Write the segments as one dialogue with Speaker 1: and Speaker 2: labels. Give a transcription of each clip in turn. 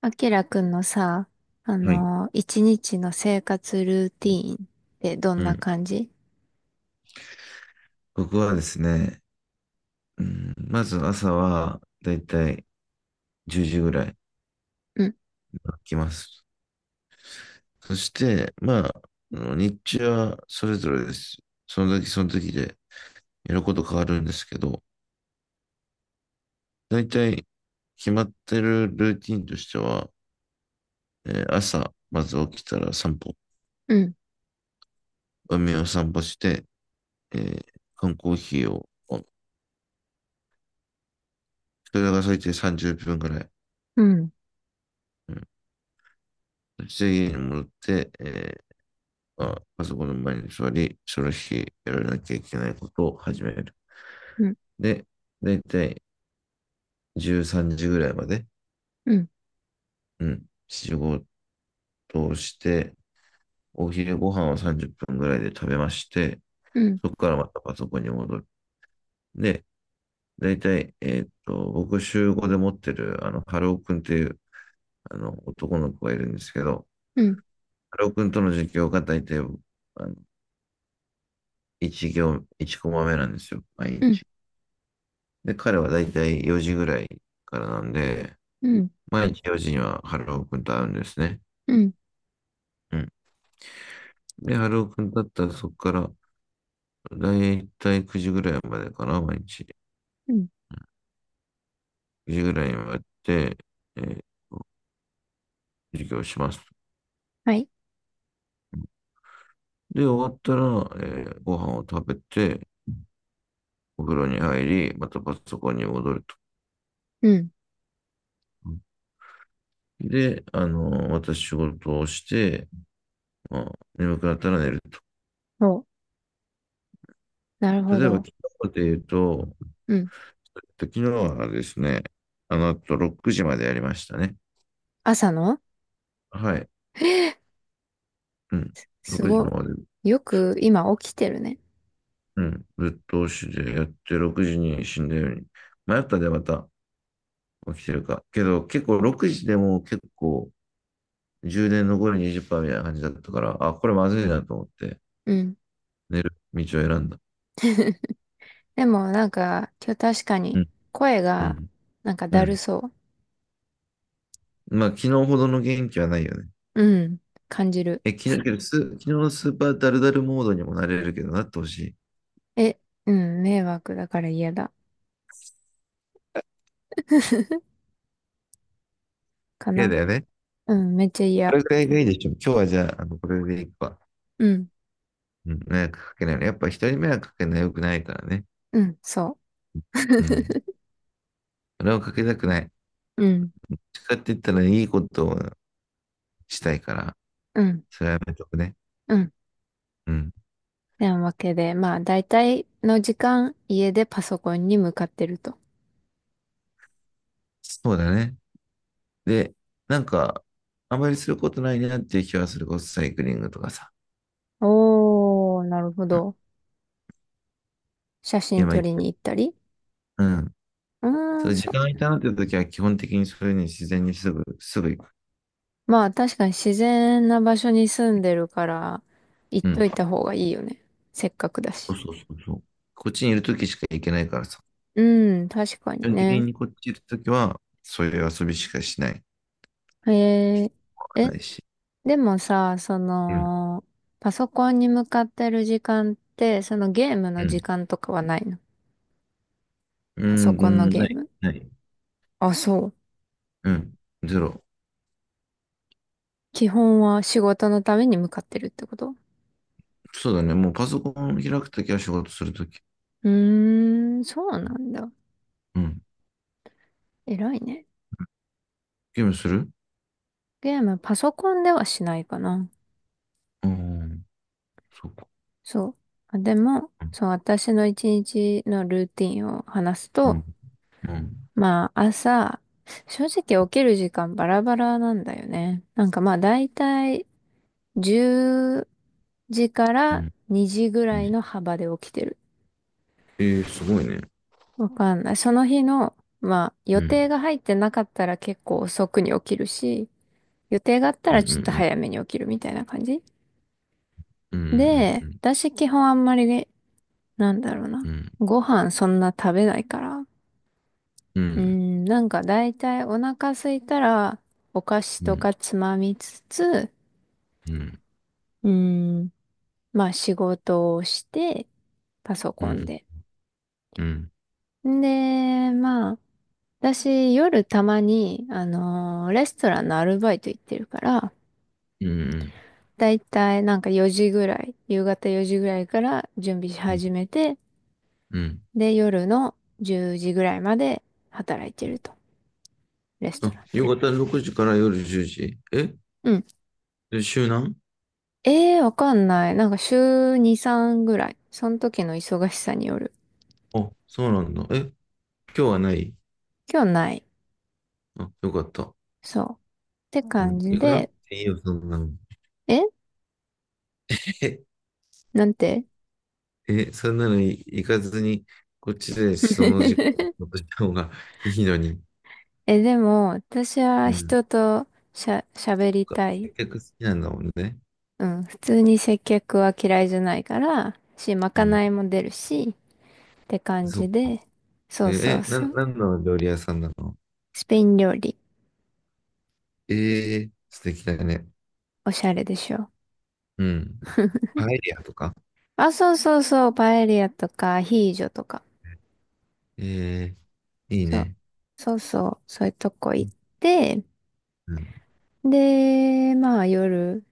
Speaker 1: あきらくんのさ、
Speaker 2: はい。
Speaker 1: 一日の生活ルーティーンってどん
Speaker 2: う
Speaker 1: な
Speaker 2: ん。
Speaker 1: 感じ？
Speaker 2: 僕はですね、うん、まず朝はだいたい10時ぐらいに
Speaker 1: うん。
Speaker 2: 起きます。そして、まあ、あの日中はそれぞれです。その時その時でやること変わるんですけど、だいたい決まってるルーティンとしては、朝、まず起きたら散歩、
Speaker 1: うん。
Speaker 2: 海を散歩して、えー缶コーヒーを、それが最低30分ぐらい。
Speaker 1: うん。
Speaker 2: うん。そして家に戻って、パソコンの前に座り、その日やらなきゃいけないことを始める。
Speaker 1: うん。
Speaker 2: で、だいたい13時ぐらいまで、
Speaker 1: うん。
Speaker 2: うん、仕事をして、お昼ご飯を30分ぐらいで食べまして、
Speaker 1: うん。
Speaker 2: そこからまたパソコンに戻る。で、だいたい、僕週5で持ってる、ハローくんっていう、男の子がいるんですけど、
Speaker 1: うん。
Speaker 2: ハローくんとの授業がだいたい、1行、1コマ目なんですよ、毎
Speaker 1: うん。
Speaker 2: 日。で、彼はだいたい4時ぐらいからなんで、
Speaker 1: うん。
Speaker 2: 毎日4時には春尾くんと会うんですね。
Speaker 1: うん。
Speaker 2: うん。で、春尾くんだったらそこから、だいたい9時ぐらいまでかな、毎日。
Speaker 1: うん。
Speaker 2: 9時ぐらいまでやって、えー授業します。
Speaker 1: はい。
Speaker 2: で、終わったら、ご飯を食べて、お風呂に入り、またパソコンに戻ると。
Speaker 1: うん。
Speaker 2: で、私仕事をして、まあ、眠くなったら寝ると。
Speaker 1: お、なるほ
Speaker 2: 例えば、
Speaker 1: ど。
Speaker 2: 昨日で言うと、
Speaker 1: うん、
Speaker 2: 昨日はですね、あの後6時までやりましたね。
Speaker 1: 朝の？
Speaker 2: はい。うん。
Speaker 1: す
Speaker 2: 6時
Speaker 1: ご、
Speaker 2: まで、
Speaker 1: よく今起きてるね。
Speaker 2: うん。ぶっ通しでやって、6時に死んだように。迷ったでまた起きてるか。けど、結構6時でも結構、充電残り20%みたいな感じだったから、あ、これまずいなと思って、
Speaker 1: うん。
Speaker 2: 寝る道を選んだ。
Speaker 1: でもなんか、今日確か
Speaker 2: う
Speaker 1: に
Speaker 2: ん。
Speaker 1: 声
Speaker 2: う
Speaker 1: が
Speaker 2: ん。
Speaker 1: なんか
Speaker 2: う
Speaker 1: だる
Speaker 2: ん。
Speaker 1: そ
Speaker 2: まあ、昨日ほどの元気はないよね。
Speaker 1: う。うん、感じる。
Speaker 2: え、昨日、けどス、昨日のスーパーダルダルモードにもなれるけど、なってほしい。
Speaker 1: え、うん、迷惑だから嫌だ。か
Speaker 2: 嫌
Speaker 1: な。
Speaker 2: だよね。
Speaker 1: うん、めっちゃ
Speaker 2: こ
Speaker 1: 嫌。
Speaker 2: れくらいがいいでしょ。今日はじゃあ、これでいくわ。
Speaker 1: うん。
Speaker 2: うん。迷惑かけないように。やっぱ人に迷惑かけないのは良くないからね。
Speaker 1: うん、そ
Speaker 2: うん。それをかけたくない。どっ
Speaker 1: う。うん。
Speaker 2: ちかって言ったらいいことをしたいから、
Speaker 1: うん。
Speaker 2: それはやめとくね。
Speaker 1: うん。
Speaker 2: うん。
Speaker 1: てなわけで、まあ、大体の時間、家でパソコンに向かってると。
Speaker 2: そうだね。で、なんか、あんまりすることないなっていう気はするこそ、サイクリングとかさ、
Speaker 1: おー、なるほど。写真
Speaker 2: 今
Speaker 1: 撮
Speaker 2: 言っ
Speaker 1: り
Speaker 2: て
Speaker 1: に
Speaker 2: る。
Speaker 1: 行ったり。
Speaker 2: うん。
Speaker 1: うー
Speaker 2: そ
Speaker 1: ん、
Speaker 2: れ時
Speaker 1: そ
Speaker 2: 間がい
Speaker 1: う。
Speaker 2: たなっていう時は、基本的にそれに自然にすぐ行く。
Speaker 1: まあ、確かに自然な場所に住んでるから、行っ
Speaker 2: う
Speaker 1: と
Speaker 2: ん。
Speaker 1: いた方がいいよね。せっかくだ
Speaker 2: そう
Speaker 1: し。
Speaker 2: そうそうそう。こっちにいる時しか行けないからさ。
Speaker 1: うん、確か
Speaker 2: 基
Speaker 1: に
Speaker 2: 本的
Speaker 1: ね。
Speaker 2: にこっちいる時は、そういう遊びしかしない。
Speaker 1: へえ。え、
Speaker 2: ないし。
Speaker 1: でもさ、
Speaker 2: うん。
Speaker 1: パソコンに向かってる時間って、そのゲーム
Speaker 2: う
Speaker 1: の時
Speaker 2: ん。
Speaker 1: 間とかはないの？
Speaker 2: う
Speaker 1: パソ
Speaker 2: ん、う
Speaker 1: コンの
Speaker 2: ん
Speaker 1: ゲ
Speaker 2: な
Speaker 1: ー
Speaker 2: い。
Speaker 1: ム。
Speaker 2: ない。
Speaker 1: あ、そう。
Speaker 2: うん。ゼロ。
Speaker 1: 基本は仕事のために向かってるってこと？
Speaker 2: そうだね。もうパソコン開くときは仕事するとき。
Speaker 1: うーん、そうなんだ。
Speaker 2: うん。
Speaker 1: 偉いね。
Speaker 2: ゲームする？
Speaker 1: ゲーム、パソコンではしないかな。
Speaker 2: うん。そうか。
Speaker 1: そう。あでも、そう、私の一日のルーティンを話す
Speaker 2: う
Speaker 1: と、
Speaker 2: ん。うん。
Speaker 1: まあ、朝、正直起きる時間バラバラなんだよね。なんかまあ、だいたい10時か
Speaker 2: う
Speaker 1: ら
Speaker 2: ん。
Speaker 1: 2時ぐ
Speaker 2: う
Speaker 1: らい
Speaker 2: ん。
Speaker 1: の幅で起きてる。
Speaker 2: えー、すごいね。
Speaker 1: わかんない。その日の、まあ、予
Speaker 2: う
Speaker 1: 定
Speaker 2: ん。
Speaker 1: が入ってなかったら結構遅くに起きるし、予定があった
Speaker 2: うん。
Speaker 1: ら
Speaker 2: う
Speaker 1: ちょっと
Speaker 2: ん。
Speaker 1: 早めに起きるみたいな感じ
Speaker 2: うん。う
Speaker 1: で、
Speaker 2: ん。
Speaker 1: 私基本あんまりね、なんだろうな。
Speaker 2: うん。
Speaker 1: ご飯そんな食べないから。
Speaker 2: う
Speaker 1: う
Speaker 2: ん。
Speaker 1: ん、なんかだいたいお腹空いたらお菓子
Speaker 2: う
Speaker 1: と
Speaker 2: ん。
Speaker 1: かつまみつつ、
Speaker 2: うん。
Speaker 1: うん、まあ仕事をして、パソ
Speaker 2: う
Speaker 1: コン
Speaker 2: ん。
Speaker 1: で。
Speaker 2: うん。
Speaker 1: で、まあ、私夜たまに、レストランのアルバイト行ってるから、
Speaker 2: うん。
Speaker 1: だいたいなんか4時ぐらい、夕方4時ぐらいから準備し始めて、
Speaker 2: うん。
Speaker 1: で、夜の10時ぐらいまで働いてると。レスト
Speaker 2: あ、
Speaker 1: ラン
Speaker 2: 夕
Speaker 1: で。
Speaker 2: 方6時から夜10時。
Speaker 1: うん。
Speaker 2: で、週何？
Speaker 1: わかんない。なんか週2、3ぐらい。その時の忙しさによる。
Speaker 2: あ、そうなんだ。え、今日はない？
Speaker 1: 今日ない。
Speaker 2: あ、よかった。
Speaker 1: そう。って
Speaker 2: うん。
Speaker 1: 感じ
Speaker 2: 行くな、
Speaker 1: で、
Speaker 2: いいよ、そんなの。
Speaker 1: え なんて。
Speaker 2: え、そんなの行かずに、こっちでその時間 を落とした方がいいのに。
Speaker 1: え、でも、私は
Speaker 2: うん。
Speaker 1: 人と喋り
Speaker 2: そっか、
Speaker 1: たい。
Speaker 2: 接客好きなんだもんね。
Speaker 1: うん。普通に接客は嫌いじゃないから、し、ま
Speaker 2: う
Speaker 1: か
Speaker 2: ん。
Speaker 1: ないも出るし、って感
Speaker 2: そ
Speaker 1: じ
Speaker 2: っか。
Speaker 1: で、そうそうそう。
Speaker 2: なんの料理屋さんなの？
Speaker 1: スペイン料理、
Speaker 2: えー、素敵だね。
Speaker 1: おしゃれでしょ。
Speaker 2: うん。パエリアとか。
Speaker 1: あ、そうそうそう、パエリアとかアヒージョとか。
Speaker 2: えー、いい
Speaker 1: そう。
Speaker 2: ね。
Speaker 1: そうそう、そういうとこ
Speaker 2: う
Speaker 1: 行っ
Speaker 2: ん、
Speaker 1: て、
Speaker 2: うん、
Speaker 1: で、まあ夜、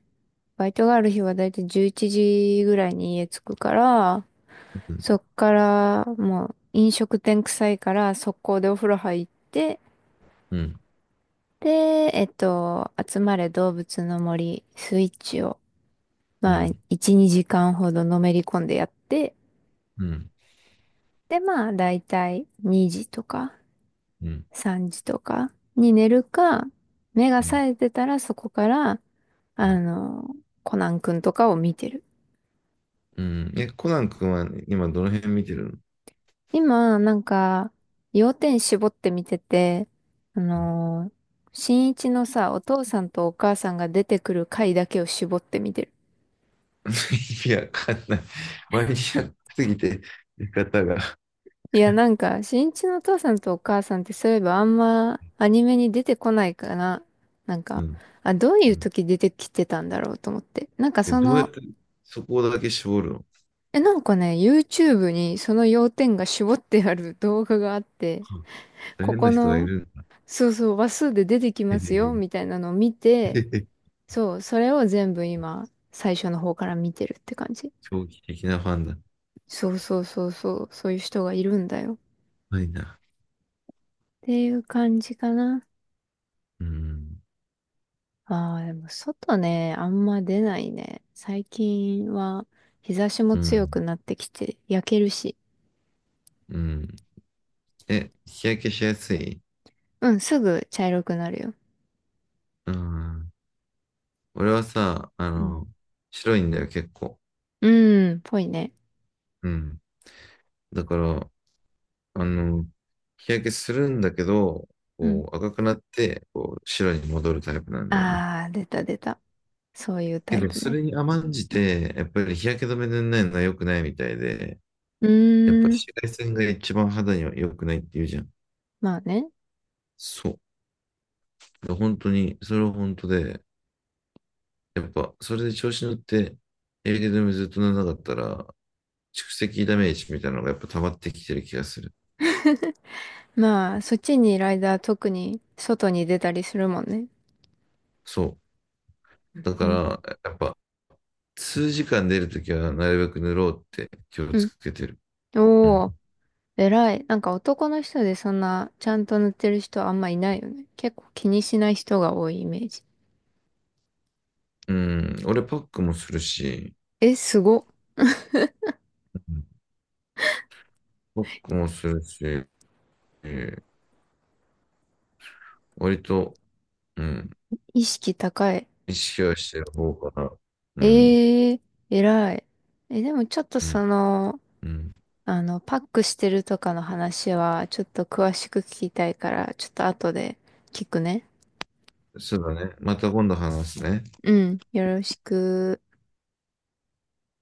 Speaker 1: バイトがある日はだいたい11時ぐらいに家着くから、
Speaker 2: うん、
Speaker 1: そっからもう飲食店臭いから速攻でお風呂入って、
Speaker 2: うん、
Speaker 1: で、集まれ動物の森スイッチを、
Speaker 2: う
Speaker 1: まあ
Speaker 2: ん、
Speaker 1: 1、2時間ほどのめり込んでやって、
Speaker 2: うん、
Speaker 1: で、まあだいたい2時とか。
Speaker 2: う
Speaker 1: 3時とかに寝るか、目が
Speaker 2: ん。
Speaker 1: 冴えてたらそこから、あの、コナンくんとかを見てる。
Speaker 2: うん。え、コナン君は今どの辺見てるの？
Speaker 1: 今、なんか、要点絞って見てて、あ
Speaker 2: うん。
Speaker 1: のー、新一のさ、お父さんとお母さんが出てくる回だけを絞って見てる。
Speaker 2: 意味わかんない。マニアックすぎて、見方が。
Speaker 1: いや、なんか、新一のお父さんとお母さんってそういえばあんまアニメに出てこないかな。なん
Speaker 2: う
Speaker 1: か、
Speaker 2: ん。
Speaker 1: あ、どうい
Speaker 2: う
Speaker 1: う
Speaker 2: ん。
Speaker 1: 時出てきてたんだろうと思って。なんか
Speaker 2: え、
Speaker 1: そ
Speaker 2: どうや
Speaker 1: の。
Speaker 2: ってそこだけ絞るの？
Speaker 1: え、なんかね、YouTube にその要点が絞ってある動画があって、
Speaker 2: 大
Speaker 1: こ
Speaker 2: 変な
Speaker 1: こ
Speaker 2: 人がい
Speaker 1: の、
Speaker 2: るんだ。
Speaker 1: そうそう、話数で出てき
Speaker 2: へ
Speaker 1: ますよ、
Speaker 2: へ
Speaker 1: みたいなのを見
Speaker 2: へ
Speaker 1: て、
Speaker 2: へ
Speaker 1: そう、それを全部今、最初の方から見てるって感じ。
Speaker 2: 長期的なファンだ。
Speaker 1: そうそうそうそう、そういう人がいるんだよ。っ
Speaker 2: ないな。
Speaker 1: ていう感じかな。
Speaker 2: うん。
Speaker 1: ああ、でも外ね、あんま出ないね。最近は日差しも
Speaker 2: う
Speaker 1: 強く
Speaker 2: ん。
Speaker 1: なってきて、焼けるし。
Speaker 2: うん。え、日焼けしやすい？
Speaker 1: うん、すぐ茶色くなるよ。
Speaker 2: うん。俺はさ、
Speaker 1: うん。
Speaker 2: 白いんだよ、結構。
Speaker 1: うん、ぽいね。
Speaker 2: うん。だから、あの、日焼けするんだけど、
Speaker 1: うん。
Speaker 2: こう赤くなって、こう白に戻るタイプなんだよね。
Speaker 1: ああ、出た出た。そういう
Speaker 2: け
Speaker 1: タイ
Speaker 2: ど、
Speaker 1: プ
Speaker 2: そ
Speaker 1: ね。
Speaker 2: れに甘んじて、やっぱり日焼け止め塗んないのは良くないみたいで、
Speaker 1: う
Speaker 2: やっぱ
Speaker 1: ーん。
Speaker 2: 紫外線が一番肌には良くないって言うじゃん。
Speaker 1: まあね。
Speaker 2: そう。本当に、それは本当で、やっぱ、それで調子乗って、日焼け止めずっと塗らなかったら、蓄積ダメージみたいなのがやっぱ溜まってきてる気がする。
Speaker 1: まあ、そっちにいる間は特に外に出たりするもんね。
Speaker 2: そう。だか
Speaker 1: う
Speaker 2: ら、
Speaker 1: ん。
Speaker 2: やっぱ、数時間出るときはなるべく塗ろうって気を
Speaker 1: う
Speaker 2: つ
Speaker 1: ん。
Speaker 2: けてる。うん。
Speaker 1: おお。偉い。なんか男の人でそんなちゃんと塗ってる人あんまいないよね。結構気にしない人が多いイメージ。
Speaker 2: うん。俺パックもするし、
Speaker 1: え、すご。
Speaker 2: うん、パックもするし、割と、うん、
Speaker 1: 意識高い。
Speaker 2: 意識はしてる方かな。うん、
Speaker 1: ええ。偉い。え、でもちょっと
Speaker 2: うん、うん。
Speaker 1: パックしてるとかの話はちょっと詳しく聞きたいから、ちょっと後で聞くね。
Speaker 2: そうだね。また今度話すね。
Speaker 1: うん。よろしく。